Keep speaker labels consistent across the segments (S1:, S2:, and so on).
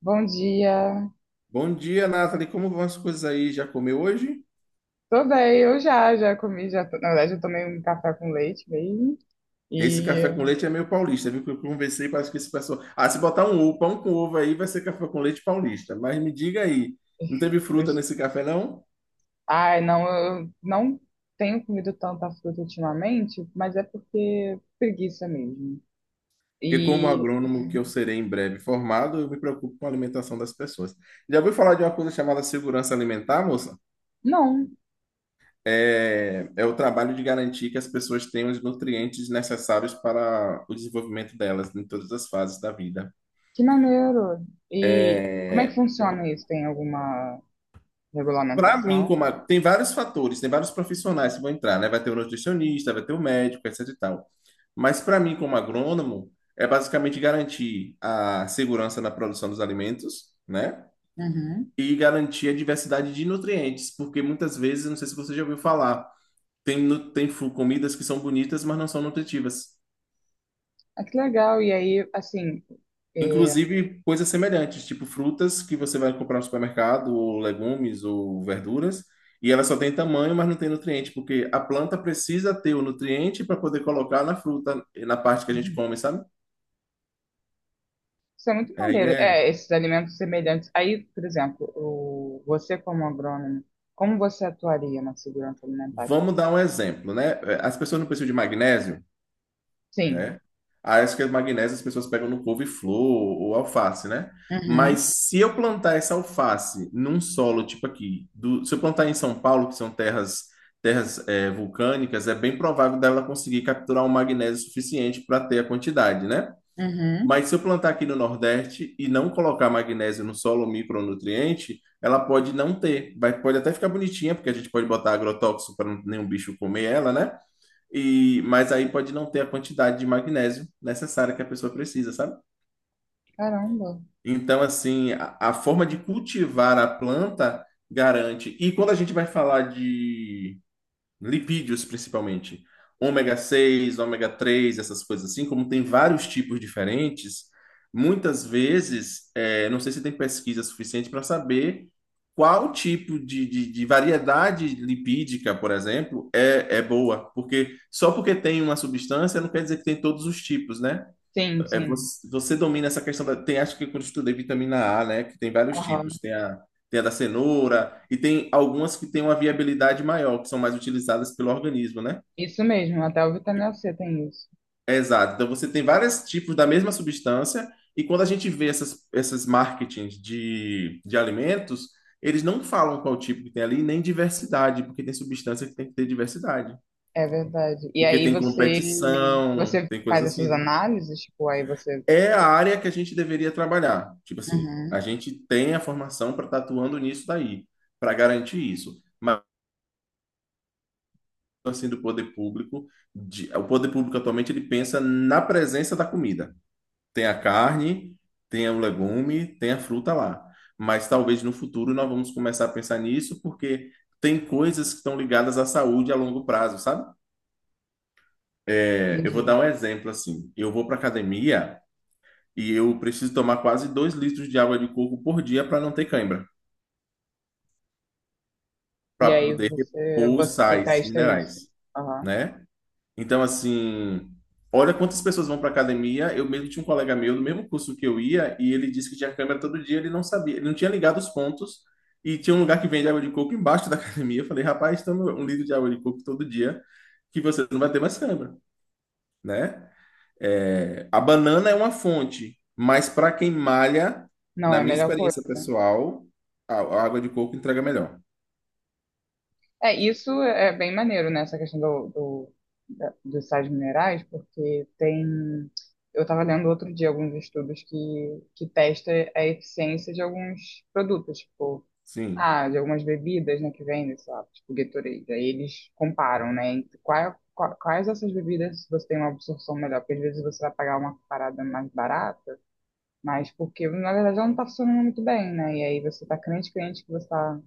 S1: Bom dia.
S2: Bom dia, Nathalie. Como vão as coisas aí? Já comeu hoje?
S1: Tô bem, eu já comi, na verdade eu tomei um café com leite mesmo.
S2: Esse café
S1: E,
S2: com leite é meio paulista, viu? Que eu conversei, parece que esse pessoal. Ah, se botar um ovo, pão com ovo aí, vai ser café com leite paulista. Mas me diga aí, não teve fruta nesse café, não?
S1: ai, não, eu não tenho comido tanta fruta ultimamente, mas é porque preguiça mesmo.
S2: Porque, como
S1: E,
S2: agrônomo que eu serei em breve formado, eu me preocupo com a alimentação das pessoas. Já ouviu falar de uma coisa chamada segurança alimentar, moça?
S1: não,
S2: É o trabalho de garantir que as pessoas tenham os nutrientes necessários para o desenvolvimento delas em todas as fases da vida.
S1: que maneiro. E como é que
S2: É,
S1: funciona isso? Tem alguma
S2: para mim,
S1: regulamentação?
S2: tem vários fatores, tem vários profissionais que vão entrar, né? Vai ter o nutricionista, vai ter o médico, etc e tal. Mas para mim, como agrônomo, é basicamente garantir a segurança na produção dos alimentos, né?
S1: Uhum.
S2: E garantir a diversidade de nutrientes, porque muitas vezes, não sei se você já ouviu falar, tem comidas que são bonitas, mas não são nutritivas.
S1: Ah, que legal. É,
S2: Inclusive coisas semelhantes, tipo frutas que você vai comprar no supermercado, ou legumes, ou verduras, e ela só tem tamanho, mas não tem nutriente, porque a planta precisa ter o nutriente para poder colocar na fruta, na parte que a gente
S1: uhum.
S2: come, sabe?
S1: Isso é muito
S2: Aí
S1: maneiro.
S2: é.
S1: É, esses alimentos semelhantes. Aí, por exemplo, o, você como agrônomo, como você atuaria na segurança alimentar? Tipo,
S2: Vamos
S1: assim?
S2: dar um exemplo, né? As pessoas não precisam de magnésio,
S1: Sim.
S2: né? Ah, acho que as magnésias as pessoas pegam no couve-flor ou alface, né? Mas
S1: Uhum,
S2: se eu plantar essa alface num solo tipo aqui, se eu plantar em São Paulo, que são terras vulcânicas, é bem provável dela conseguir capturar um magnésio suficiente para ter a quantidade, né?
S1: uhum.
S2: Mas se eu plantar aqui no Nordeste e não colocar magnésio no solo, micronutriente, ela pode não ter. Vai, pode até ficar bonitinha, porque a gente pode botar agrotóxico para nenhum bicho comer ela, né? E, mas aí pode não ter a quantidade de magnésio necessária que a pessoa precisa, sabe?
S1: Caramba.
S2: Então, assim, a forma de cultivar a planta garante. E quando a gente vai falar de lipídios principalmente, ômega 6 ômega 3, essas coisas assim, como tem vários tipos diferentes, muitas vezes, é, não sei se tem pesquisa suficiente para saber qual tipo de variedade lipídica, por exemplo, é boa, porque só porque tem uma substância não quer dizer que tem todos os tipos, né?
S1: Sim,
S2: É,
S1: sim.
S2: você domina essa questão da. Tem, acho que quando eu estudei vitamina A, né? Que tem vários
S1: Aham.
S2: tipos. Tem a, tem a da cenoura, e tem algumas que têm uma viabilidade maior, que são mais utilizadas pelo organismo, né?
S1: Isso mesmo, até o vitamina C tem isso.
S2: É, exato. Então você tem vários tipos da mesma substância, e quando a gente vê essas marketings de alimentos, eles não falam qual tipo que tem ali, nem diversidade, porque tem substância que tem que ter diversidade.
S1: É verdade.
S2: Porque tem competição,
S1: Você
S2: tem
S1: faz
S2: coisas assim,
S1: essas
S2: né?
S1: análises, tipo, aí você.
S2: É a área que a gente deveria trabalhar. Tipo assim,
S1: Uhum,
S2: a gente tem a formação para estar atuando nisso daí, para garantir isso. Mas assim do poder público, o poder público atualmente ele pensa na presença da comida. Tem a carne, tem o legume, tem a fruta lá. Mas talvez no futuro nós vamos começar a pensar nisso porque tem coisas que estão ligadas à saúde a longo prazo, sabe? É, eu vou
S1: entendi.
S2: dar um exemplo assim. Eu vou para academia e eu preciso tomar quase 2 litros de água de coco por dia para não ter cãibra,
S1: E
S2: para
S1: aí
S2: poder
S1: você,
S2: repor os
S1: você
S2: sais
S1: testa isso.
S2: minerais,
S1: Aham.
S2: né? Então, assim, olha quantas pessoas vão para academia. Eu mesmo tinha um colega meu do mesmo curso que eu ia e ele disse que tinha câimbra todo dia. Ele não sabia, ele não tinha ligado os pontos. E tinha um lugar que vende água de coco embaixo da academia. Eu falei, rapaz, toma 1 litro de água de coco todo dia que você não vai ter mais câimbra, né? É, a banana é uma fonte, mas para quem malha,
S1: Não,
S2: na
S1: é a
S2: minha
S1: melhor coisa.
S2: experiência pessoal, a água de coco entrega melhor.
S1: É, isso é bem maneiro, né? Essa questão dos sais minerais, porque tem. Eu estava lendo outro dia alguns estudos que testa a eficiência de alguns produtos, tipo,
S2: Sim,
S1: ah, de algumas bebidas, né, que vendem, sei lá, tipo Gatorade. Aí eles comparam, né, entre quais dessas bebidas você tem uma absorção melhor, porque às vezes você vai pagar uma parada mais barata, mas porque, na verdade, ela não está funcionando muito bem, né? E aí você está crente, crente que você está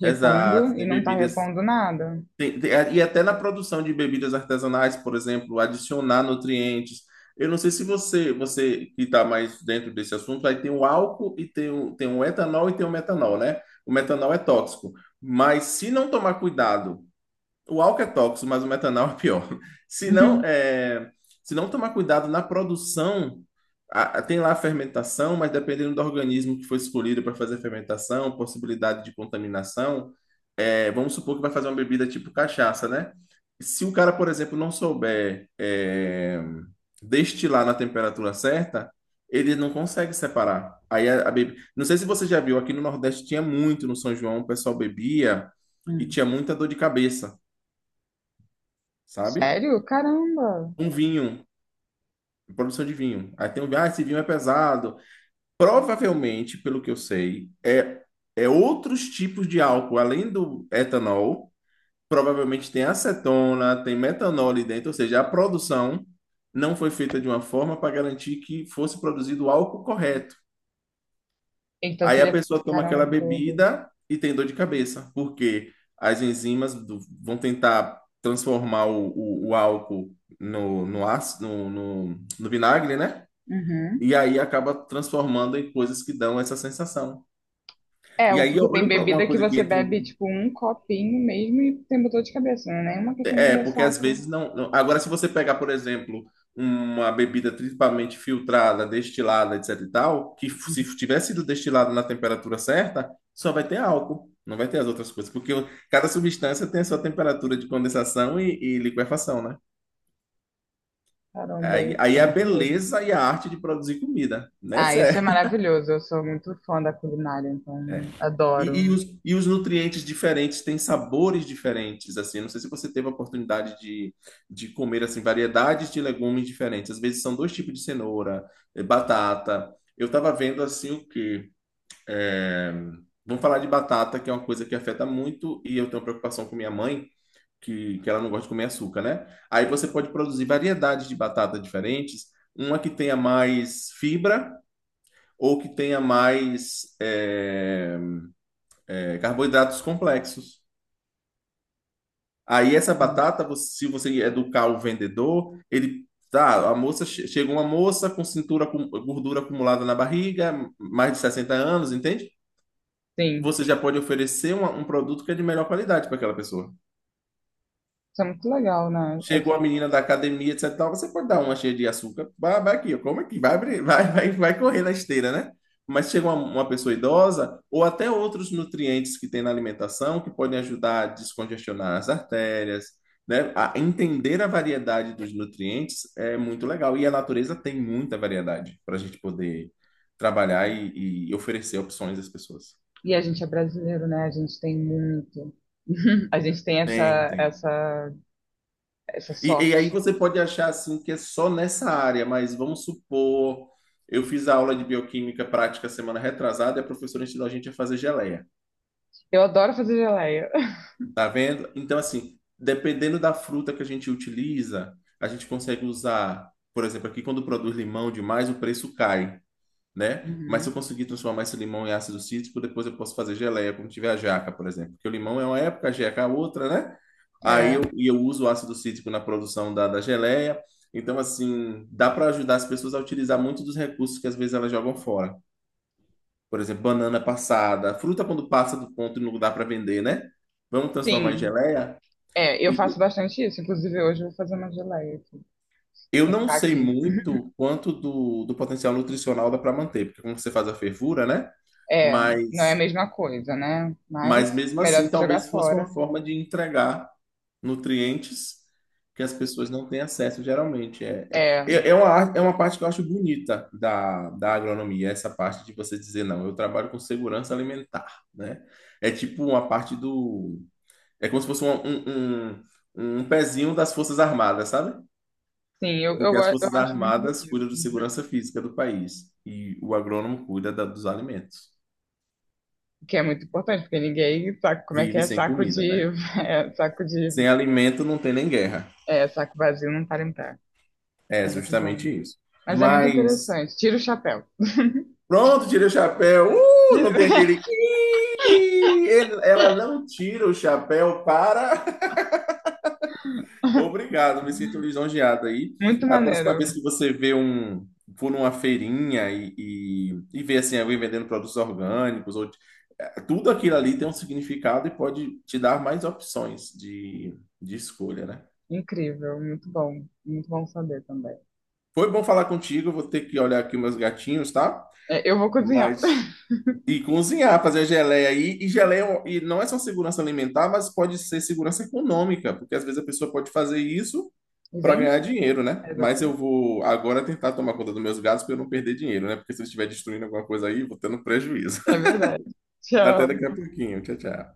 S1: repondo
S2: exato.
S1: e
S2: Tem
S1: não está
S2: bebidas.
S1: repondo nada.
S2: E até na produção de bebidas artesanais, por exemplo, adicionar nutrientes. Eu não sei se você, você que está mais dentro desse assunto, aí tem o álcool e tem o etanol e tem o metanol, né? O metanol é tóxico. Mas se não tomar cuidado. O álcool é tóxico, mas o metanol é pior. Se não,
S1: Uhum.
S2: é, Se não tomar cuidado na produção, tem lá a fermentação, mas dependendo do organismo que foi escolhido para fazer a fermentação, possibilidade de contaminação, é, vamos supor que vai fazer uma bebida tipo cachaça, né? Se o cara, por exemplo, não souber destilar na temperatura certa, ele não consegue separar. Aí a bebida. Não sei se você já viu, aqui no Nordeste tinha muito, no São João, o pessoal bebia e
S1: Hum.
S2: tinha muita dor de cabeça, sabe?
S1: Sério? Caramba!
S2: Um vinho, produção de vinho. Aí tem um vinho, ah, esse vinho é pesado. Provavelmente, pelo que eu sei, é, é outros tipos de álcool, além do etanol, provavelmente tem acetona, tem metanol ali dentro, ou seja, a produção não foi feita de uma forma para garantir que fosse produzido o álcool correto.
S1: Então
S2: Aí a
S1: seria.
S2: pessoa toma aquela
S1: Caramba, que doido.
S2: bebida e tem dor de cabeça, porque as enzimas vão tentar transformar o álcool no ácido, no vinagre, né?
S1: Uhum.
S2: E aí acaba transformando em coisas que dão essa sensação.
S1: É,
S2: E
S1: o-
S2: aí
S1: porque tem
S2: olha pra uma
S1: bebida que
S2: coisa que
S1: você
S2: entra.
S1: bebe, tipo, um copinho mesmo e tem dor de cabeça, não é nem uma questão de
S2: É, porque às
S1: ressaca.
S2: vezes não. Agora, se você pegar, por exemplo, uma bebida principalmente filtrada, destilada, etc e tal, se tivesse sido destilada na temperatura certa, só vai ter álcool, não vai ter as outras coisas. Porque cada substância tem a sua temperatura de condensação e liquefação, né?
S1: Caramba,
S2: Aí, aí
S1: isso é
S2: é a
S1: muito doido.
S2: beleza e a arte de produzir comida, né?
S1: Ah,
S2: Essa
S1: isso
S2: é.
S1: é maravilhoso. Eu sou muito fã da culinária, então adoro.
S2: E os nutrientes diferentes têm sabores diferentes, assim. Não sei se você teve a oportunidade de, comer, assim, variedades de legumes diferentes. Às vezes são dois tipos de cenoura, eh, batata. Eu estava vendo, assim, o quê? É, Vamos falar de batata, que é uma coisa que afeta muito, e eu tenho preocupação com minha mãe, que ela não gosta de comer açúcar, né? Aí você pode produzir variedades de batata diferentes, uma que tenha mais fibra ou que tenha mais carboidratos complexos. Aí essa
S1: Sim,
S2: batata, se você educar o vendedor, ele tá, chega uma moça com cintura com gordura acumulada na barriga, mais de 60 anos, entende?
S1: sim.
S2: Você já
S1: Sim.
S2: pode oferecer um produto que é de melhor qualidade para aquela pessoa.
S1: Isso é muito legal, né?
S2: Chegou a
S1: Assim,
S2: menina da academia, etc. e tal, você pode dar uma cheia de açúcar, vai, vai aqui, ó, come aqui, vai, abrir, vai, vai, vai correr na esteira, né? Mas chega uma pessoa idosa, ou até outros nutrientes que tem na alimentação, que podem ajudar a descongestionar as artérias, né? A entender a variedade dos nutrientes é muito legal. E a natureza tem muita variedade para a gente poder trabalhar e oferecer opções às pessoas.
S1: e a gente é brasileiro, né? A gente tem muito. A gente tem
S2: Tem, tem.
S1: essa
S2: E aí
S1: sorte.
S2: você pode achar assim que é só nessa área, mas vamos supor, eu fiz a aula de bioquímica prática semana retrasada e a professora ensinou a gente a fazer geleia,
S1: Eu adoro fazer geleia.
S2: tá vendo? Então assim, dependendo da fruta que a gente utiliza, a gente consegue usar, por exemplo, aqui quando produz limão demais, o preço cai, né? Mas se eu
S1: Uhum.
S2: conseguir transformar esse limão em ácido cítrico, depois eu posso fazer geleia, como tiver a jaca, por exemplo. Porque o limão é uma época, a jaca é outra, né?
S1: É,
S2: E eu uso o ácido cítrico na produção da geleia. Então, assim, dá para ajudar as pessoas a utilizar muito dos recursos que às vezes elas jogam fora. Por exemplo, banana passada, fruta quando passa do ponto e não dá para vender, né? Vamos transformar em
S1: sim.
S2: geleia?
S1: É, eu faço
S2: E
S1: bastante isso. Inclusive, hoje eu vou fazer uma geleia aqui,
S2: eu
S1: com
S2: não sei
S1: caqui.
S2: muito quanto do potencial nutricional dá para manter, porque como você faz a fervura, né?
S1: É, não é a
S2: Mas
S1: mesma coisa, né? Mas
S2: Mesmo
S1: melhor
S2: assim,
S1: do que jogar
S2: talvez fosse uma
S1: fora.
S2: forma de entregar nutrientes que as pessoas não têm acesso geralmente. É,
S1: É,
S2: é uma parte que eu acho bonita da agronomia, essa parte de você dizer, não, eu trabalho com segurança alimentar, né? É tipo uma parte do... É como se fosse um pezinho das Forças Armadas, sabe? Porque as
S1: eu
S2: Forças
S1: acho muito
S2: Armadas
S1: bonito.
S2: cuidam de segurança física do país e o agrônomo cuida dos alimentos.
S1: O que é muito importante, porque ninguém sabe como é que
S2: Vive
S1: é
S2: sem
S1: saco
S2: comida,
S1: de.
S2: né?
S1: É, saco de.
S2: Sem alimento não tem nem guerra.
S1: É, saco vazio não para em pé.
S2: É
S1: É muito bom.
S2: justamente isso.
S1: Mas é muito
S2: Mas
S1: interessante. Tira o chapéu.
S2: pronto, tirei o chapéu. Não tem aquele. "Ih". Ela não tira o chapéu para. Obrigado, me sinto lisonjeado aí.
S1: Muito
S2: A próxima
S1: maneiro.
S2: vez que você vê um. For numa feirinha e, e ver assim, alguém vendendo produtos orgânicos, ou tudo aquilo ali tem um significado e pode te dar mais opções de escolha, né?
S1: Incrível. Muito bom. Muito bom saber também.
S2: Foi bom falar contigo, vou ter que olhar aqui meus gatinhos, tá?
S1: É, eu vou cozinhar.
S2: Mas e cozinhar, fazer a geleia aí. E geleia é e não é só segurança alimentar, mas pode ser segurança econômica, porque às vezes a pessoa pode fazer isso
S1: E
S2: para ganhar
S1: vender.
S2: dinheiro, né? Mas eu
S1: Exatamente.
S2: vou agora tentar tomar conta dos meus gatos para eu não perder dinheiro, né? Porque se eu estiver destruindo alguma coisa aí, eu vou tendo prejuízo.
S1: É verdade.
S2: Até daqui
S1: Tchau.
S2: a pouquinho. Tchau, tchau.